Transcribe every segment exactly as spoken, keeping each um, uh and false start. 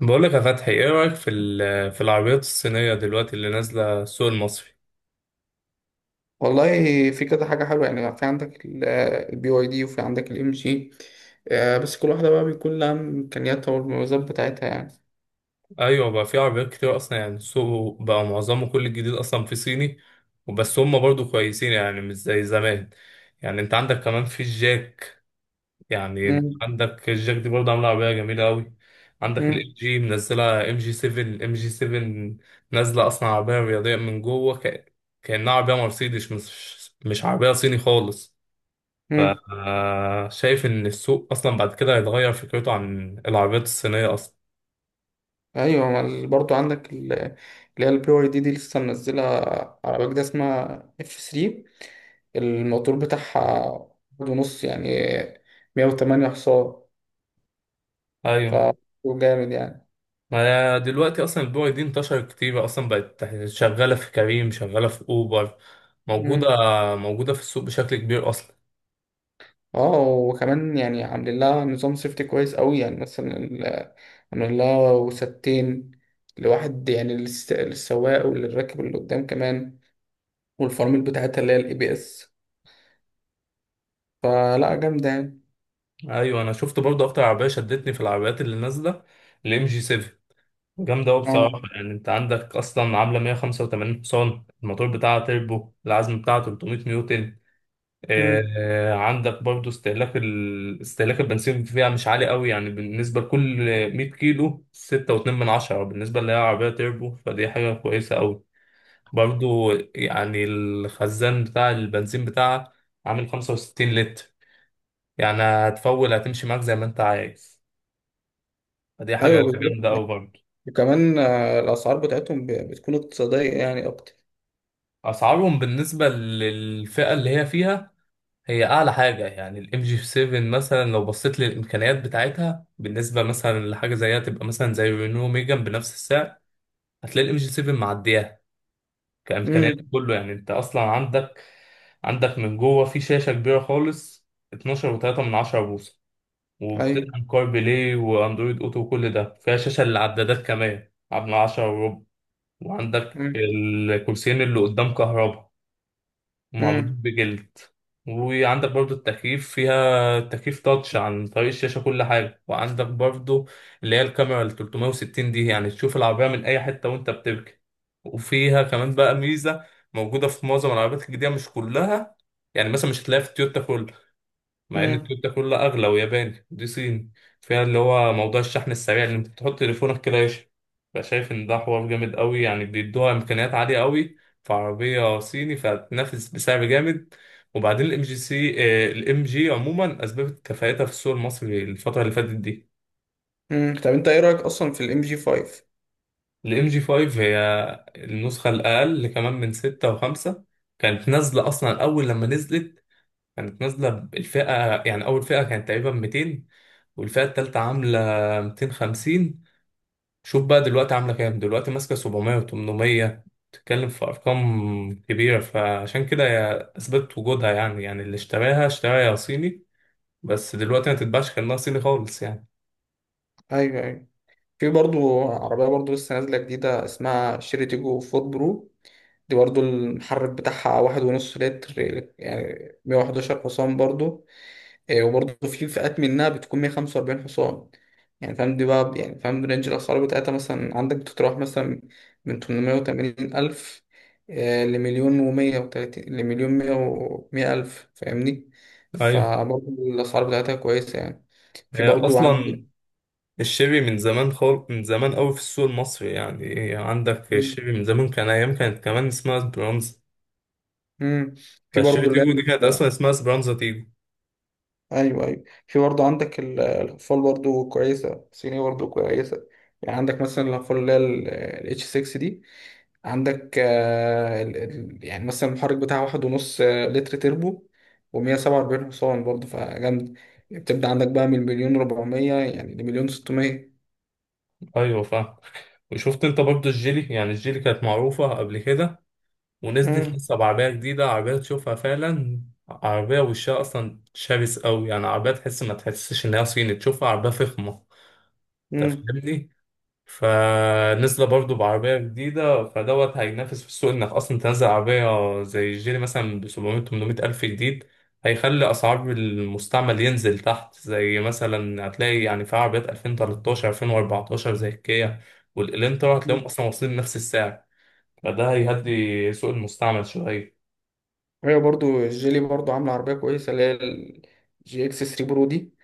بقولك يا فتحي، ايه رأيك في ال- في العربيات الصينية دلوقتي اللي نازلة السوق المصري؟ والله في كذا حاجة حلوة يعني في عندك البي واي دي وفي عندك الام جي. بس كل واحدة بقى بيكون لها إمكانياتها والمميزات بتاعتها يعني. ايوه، بقى في عربيات كتير اصلا، يعني السوق بقى معظمه كل الجديد اصلا في صيني. وبس هم برضو كويسين يعني، مش زي زمان. يعني انت عندك كمان في الجاك، يعني انت مم. عندك الجاك دي برضو عاملة عربية جميلة قوي. عندك الام مم. جي منزلة ام جي سبعة، ام جي سبعة نازلة اصلا عربية رياضية من جوه ك- كأنها عربية مرسيدس، مش مش عربية صيني خالص. مم. فشايف ان السوق اصلا بعد كده هيتغير فكرته عن العربيات الصينيه اصلا. أيوة، ما ال- برضو عندك ال- اللي هي البي واي دي دي لسه منزلة عربية جديدة اسمها اف ثلاثة. الموتور بتاعها واحد ونص يعني مية وتمانية حصان. ف ايوه، جامد يعني. ما دلوقتي اصلا البوري دي انتشرت كتير اصلا، بقت شغاله في كريم، شغاله في اوبر، موجوده، مم. موجوده في السوق بشكل كبير اصلا. اه، وكمان يعني عاملين لها نظام سيفتي كويس قوي، يعني مثلا انا لا وستين لواحد، يعني للس- للسواق وللراكب اللي قدام كمان، والفرامل بتاعتها اللي هي الاي بي اس، فلا جامده يعني. ايوه، انا شفت برضه اكتر عربيه شدتني في العربيات اللي نازله الام جي سبعة. جامده قوي اه. بصراحه، يعني انت عندك اصلا عامله مية وخمسة وتمانين حصان الموتور بتاعها تربو، العزم بتاعها تلتمية نيوتن. آه، مم. آه، عندك برضو استهلاك ال... استهلاك البنزين فيها مش عالي قوي، يعني بالنسبة لكل مائة كيلو ستة وأتنين من عشرة من عشرة، بالنسبة اللي هي عربية تربو، فدي حاجة كويسة قوي. برضو يعني الخزان بتاع البنزين بتاعها عامل خمسة وستين لتر، يعني هتفول، هتمشي معاك زي ما انت عايز، فدي حاجة ايوه، بالظبط جامدة يعني. قوي برضو. وكمان آه، الاسعار بتاعتهم ب- بتكون اقتصاديه يعني اكتر. أسعارهم بالنسبة للفئة اللي هي فيها هي اعلى حاجه، يعني الام جي سبعة مثلا لو بصيت للامكانيات بتاعتها بالنسبه مثلا لحاجه زيها تبقى مثلا زي رينو ميجان بنفس السعر، هتلاقي الام جي سبعة معدياها كامكانيات امم كله. يعني انت اصلا عندك عندك من جوه في شاشه كبيره خالص، اتناشر وتلاتة من عشرة من عشرة بوصه، ايوه. وبتدعم كار بلاي واندرويد اوتو، وكل ده فيها شاشه للعدادات كمان من عشرة وربع. وعندك امم الكرسيين اللي قدام كهرباء، ومعمولين امم بجلد، وعندك برضو التكييف، فيها تكييف تاتش عن طريق الشاشة، كل حاجة. وعندك برضو اللي هي الكاميرا ال ثلاثمائة وستون دي، يعني تشوف العربية من أي حتة وأنت بتبكي. وفيها كمان بقى ميزة موجودة في معظم العربيات الجديدة مش كلها، يعني مثلا مش هتلاقيها في التويوتا مع ان التويوتا كلها اغلى وياباني دي صيني، فيها اللي هو موضوع الشحن السريع، اللي انت بتحط تليفونك كده يشحن. فشايف ان ده حوار جامد قوي، يعني بيدوها امكانيات عاليه قوي في عربيه صيني، فتنافس بسعر جامد. وبعدين الام جي سي، الام جي عموما اثبتت كفاءتها في السوق المصري الفتره اللي فاتت دي. امم طب انت ايه رايك اصلا في الام جي خمسة؟ الام جي خمسة هي النسخه الاقل كمان من ستة و5. كانت نازله اصلا اول لما نزلت، كانت نازلة الفئة، يعني أول فئة كانت تقريبا ميتين، والفئة التالتة عاملة ميتين وخمسين. شوف بقى دلوقتي عاملة كام، دلوقتي ماسكة سبعمية و800، بتتكلم في أرقام كبيرة. فعشان كده هي أثبتت وجودها، يعني يعني اللي اشتراها اشتراها يا صيني، بس دلوقتي ما تتباعش كأنها صيني خالص يعني. ايوه، ايوه. في برضو عربية برضو لسه نازلة جديدة اسمها شيري تيجو فورد برو. دي برضو المحرك بتاعها واحد ونص لتر يعني مية وحداشر حصان برضو. إيه، وبرضو في فئات منها بتكون مية وخمسة وأربعين حصان. يعني فاهم دي بقى، يعني فاهم رينج الأسعار بتاعتها. مثلا عندك بتتراوح مثلا من ثمانمائة وثمانين ألف إيه، لمليون ومية وتلاتين، لمليون مية ومية ألف، فاهمني. أيوه، فبرضو الأسعار بتاعتها كويسة يعني. في هي برضو عندك. أصلا الشيبي من زمان، خال من زمان أوي في السوق المصري، يعني عندك الشيبي من زمان كان، أيام كانت كمان اسمها سبرانزا، مم. في فالشيبي برضو اللي تيجو دي كانت هي. أصلا اسمها سبرانزا تيجو. ايوه، ايوه. في برضه عندك ال- الاقفال برضه كويسه، صيني برضه كويسه. يعني عندك مثلا الاقفال اللي هي الاتش ستة دي. عندك آه، ال- ال- يعني مثلا المحرك بتاعها واحد ونص آه، لتر تربو، ومية سبعة وأربعين حصان برضه فجامد. بتبدأ عندك بقى من مليون ربعمية يعني لمليون ستمية. ايوه، فاهم. وشفت انت برضو الجيلي؟ يعني الجيلي كانت معروفة قبل كده، ونزلت مم، لسه بعربية جديدة، عربية تشوفها فعلا عربية وشها اصلا شرس قوي، يعني عربية تحس، ما تحسش ان هي صيني، تشوفها عربية فخمة. انت مم. فاهمني؟ فنزل برضه بعربية جديدة، فدوت هينافس في السوق. انك اصلا تنزل عربية زي الجيري مثلا ب سبعمائة تمنمية ألف جديد، هيخلي أسعار المستعمل ينزل تحت، زي مثلا هتلاقي يعني في عربيات الفين وتلتاشر الفين واربعتاشر زي الكيا والإلنترا هتلاقيهم أصلا واصلين نفس السعر. فده هيهدي سوق المستعمل شوية. هي برضه الجيلي برضه عاملة عربية كويسة اللي هي الجي اكس ثلاثة برو دي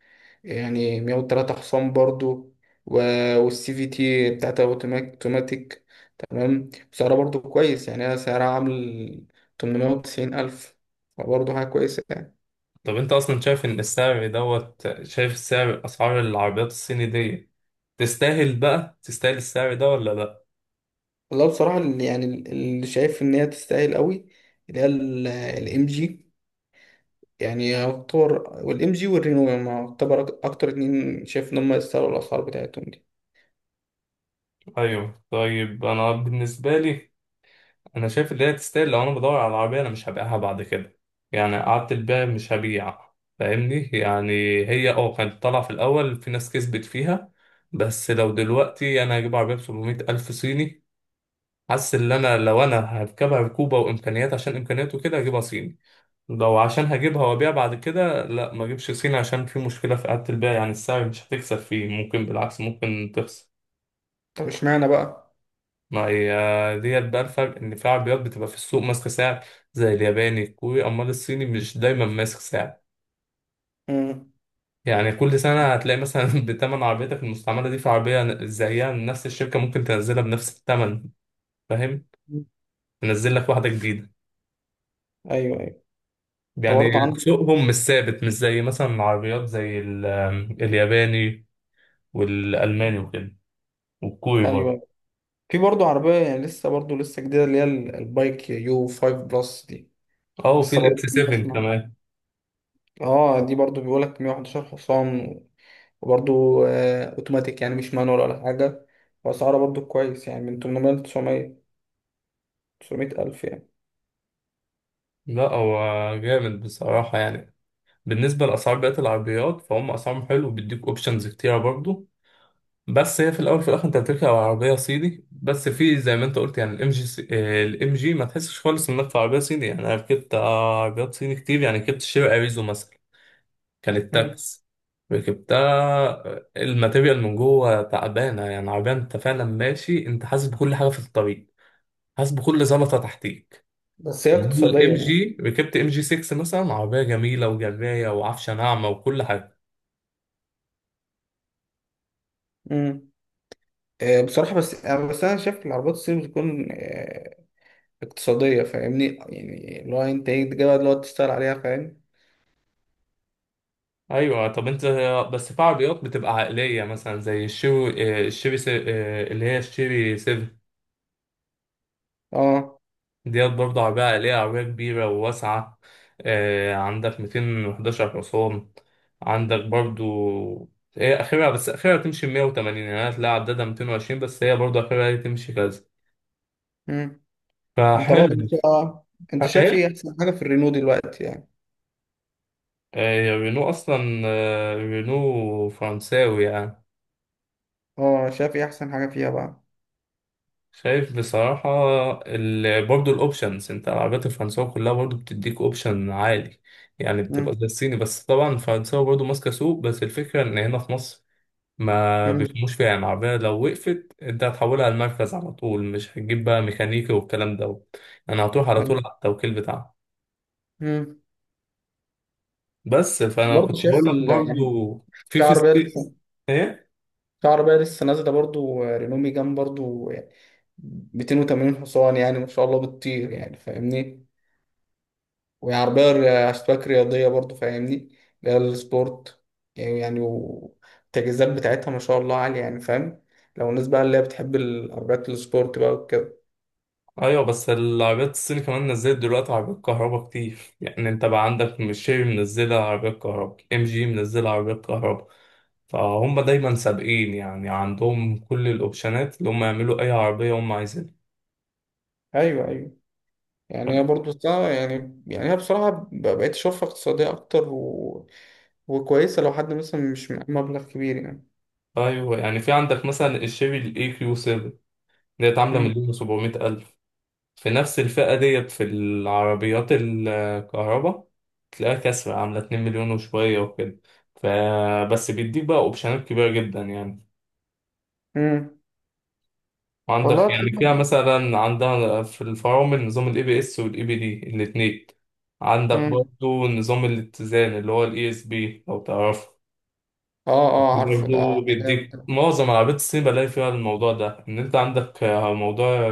يعني مائة وثلاثة حصان برضو. و... والسي في تي بتاعتها اوتوماتيك تمام. سعرها برضو كويس يعني، هي سعرها عامل تمنمية وتسعين ألف، فبرضه حاجة كويسة يعني. طب أنت أصلا شايف إن السعر دوت، شايف السعر أسعار العربيات الصيني دي تستاهل بقى، تستاهل السعر ده ولا لأ؟ والله بصراحة، اللي- يعني ال- اللي شايف إن هي تستاهل قوي، اللي هي الإم جي. يعني يعتبر والإم جي والرينو يعني يعتبر أك- أكتر اتنين شايف إن هم يستاهلوا الأسعار بتاعتهم دي. ايوه، طيب انا بالنسبه لي انا شايف ان هي تستاهل لو انا بدور على العربيه انا مش هبيعها بعد كده، يعني قعدت البيع مش هبيع، فاهمني؟ يعني هي اه كانت طالعه في الاول، في ناس كسبت فيها. بس لو دلوقتي انا هجيب عربيه ب سبعمائة الف صيني، حاسس ان انا، لو انا هركبها ركوبه وامكانيات، عشان امكانياته كده هجيبها صيني. لو عشان هجيبها وابيع بعد كده، لا، ما اجيبش صيني، عشان في مشكله في قعدة البيع، يعني السعر مش هتكسب فيه، ممكن بالعكس ممكن تخسر. طب اشمعنى بقى؟ ما هي ديت بقى الفرق، ان في عربيات بتبقى في السوق ماسكه سعر زي الياباني، الكوري، امال الصيني مش دايما ماسك سعر. مم. يعني كل سنه هتلاقي مثلا بتمن عربيتك المستعمله دي في عربيه زيها نفس الشركه ممكن تنزلها بنفس الثمن، فاهم؟ تنزل لك واحده جديده أيوه، أيوه. أنت يعني. برضه عندك. سوقهم مش ثابت، مش زي مثلا العربيات زي ال- الياباني والالماني وكده، والكوري برضه. أيوه. في برضه عربية يعني لسه برضه لسه جديدة اللي هي ال- البايك يو خمسة بلس دي، اه، وفي لسه برضه الاكس سبعة بسمع. كمان. اه دي برضه بيقولك مية وحداشر حصان. وبرضه آه اوتوماتيك، يعني مش مانوال ولا حاجة. وأسعارها برضه كويس يعني من ثمانمائة ل تسعمائة، تسعمائة ألف يعني. لا هو جامد بصراحه، يعني بالنسبة لأسعار بقية العربيات، فهم أسعارهم حلو، وبيديك أوبشنز كتيرة برضو. بس هي في الأول في الآخر أنت بتركب عربية صيني، بس في زي ما أنت قلت، يعني الإم جي، الإم جي ما تحسش خالص إنك في عربية صيني. يعني أنا ركبت آه، عربيات صيني كتير، يعني ركبت شير أريزو مثلا، كانت مم. تاكس، ركبتها، آه، الماتيريال من جوه تعبانة، يعني عربية أنت فعلا ماشي أنت حاسس بكل حاجة في الطريق، حاسس بكل زلطة تحتيك. بس هي اقتصادية الام يعني. جي ركبت ام جي ستة مثلا عربيه جميله وجرايه وعفشه ناعمه وكل حاجه. مم. آه بصراحة بس آه بس أنا شايف العربيات الصيني بتكون آه اقتصادية. فاهمني، يعني اللي هو أنت إيه تجيبها، اللي هو تشتغل عليها فاهم. ايوه، طب انت، بس في عربيات بتبقى عائليه مثلا زي الشيري، آه، الشيري سي- آه، اللي هي الشيري سبعة، اه. ديت برضه عربيه عائليه، عربيه كبيره وواسعه. آه، عندك ميتين وحداشر حصان، عندك برضه، هي اخرها، بس اخرها تمشي مية وتمانين، يعني أنا هتلاقي عدادها مائتين وعشرين، بس هي برضه اخرها هي تمشي كذا، انت بقى فحلو. انت انت، شايف ايه ايه، احسن حاجه في الرينو دلوقتي يعني؟ آه، رينو اصلا، آه، رينو فرنساوي يعني. اه شايف ايه احسن حاجه فيها بقى؟ شايف بصراحة ال... برضه الأوبشنز، أنت العربيات الفرنساوي كلها برضه بتديك أوبشن عالي، يعني بتبقى مم. زي الصيني، بس طبعا الفرنساوي برضه ماسكة سوق. بس الفكرة إن هنا في مصر ما مم. بيفهموش فيها، يعني العربية لو وقفت أنت هتحولها على المركز على طول، مش هتجيب بقى ميكانيكي والكلام ده، يعني هتروح على طول على التوكيل بتاعها. مم. بس فأنا برضه كنت شايف بقول لك ال... برضه يعني في في في عربيه الصين، لسه إيه؟ في عربيه لسه نازله برضه، آه، رينو ميجان برضه يعني مائتين وثمانين حصان، يعني ما شاء الله بتطير يعني فاهمني. وهي عربيه ر- اشتباك رياضيه برضه فاهمني، اللي هي السبورت. يعني يعني والتجهيزات بتاعتها ما شاء الله عاليه يعني فاهم. لو الناس بقى اللي هي بتحب العربيات السبورت بقى وكده. ايوه، بس العربيات الصيني كمان نزلت دلوقتي عربيات كهرباء كتير، يعني انت بقى عندك ميشيلي منزلة عربيات كهرباء، ام جي منزلة عربيات كهرباء، فهم دايما سابقين، يعني عندهم كل الاوبشنات اللي هم يعملوا اي عربية هم عايزينها. ايوه، ايوه. يعني هي برضه صعبة يعني. يعني هي بصراحة ب- بقيت أشوفها اقتصادية أكتر و... وكويسة لو حد مثلا مش معاه مبلغ كبير يعني. ايوه، يعني في عندك مثلا الشيري الاي كيو سبعة، ديت عاملة مم. مليون وسبعمية الف، في نفس الفئة ديت في العربيات الكهرباء تلاقيها كسرة عاملة اتنين مليون وشوية وكده، فبس بيديك بقى اوبشنات كبيرة جدا يعني. مم. والله عندك، يعني فيها تمام. مثلا عندها في الفرامل نظام الاي بي اس والاي بي دي الاثنين. عندك مم. برضو نظام الاتزان اللي هو الاي اس بي، لو تعرفه. اه، اه، عارفه ده. برضو ده جامد بيديك ده. معظم عربيات الصين بلاقي فيها الموضوع ده، ان انت عندك آه، موضوع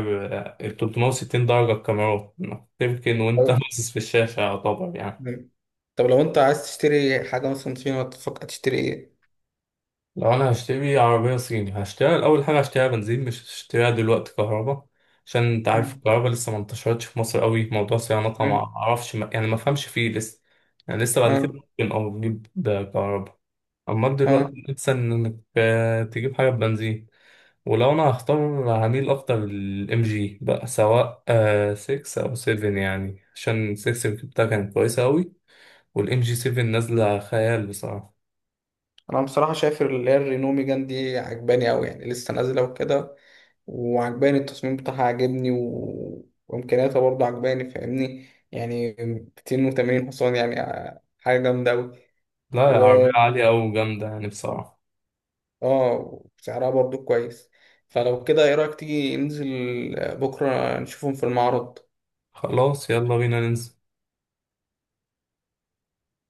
ال تلتمية وستين درجة الكاميرا، إنك تمكن وانت طب. باصص في الشاشة يعتبر يعني. مم. طب لو أنت عايز تشتري حاجة مثلا صينية تفكر تشتري إيه؟ لو انا هشتري عربية صيني هشتريها، اول حاجة هشتريها بنزين، مش هشتريها دلوقتي كهرباء، عشان انت عارف مم. الكهرباء لسه ما انتشرتش في مصر قوي، موضوع صيانتها ما مم. اعرفش، ما يعني ما فهمش فيه لسه. يعني لسه اه، بعد كده ممكن او تجيب ده كهرباء، اما اه، دلوقتي لسه انك آه، تجيب حاجة بنزين. ولو انا هختار هميل اكتر للام جي بقى، سواء آه ستة او سبعة، يعني عشان ستة اللي جبتها كانت كويسة قوي، والام جي سبعة نازلة خيال بصراحة. أنا بصراحة شايف اللي هي الرينو ميجان دي عجباني أوي، يعني لسه نازلة وكده. وعجباني التصميم بتاعها عاجبني و... وامكانياتها برضه عجباني فاهمني، يعني مائتين وثمانين حصان يعني آه، حاجه جامده قوي. لا يا و عربية عالية أوي وجامدة يعني بصراحة. اه سعرها برضه كويس. فلو كده، ايه رايك تيجي ننزل بكره نشوفهم في المعرض؟ خلاص، يلا بينا ننزل.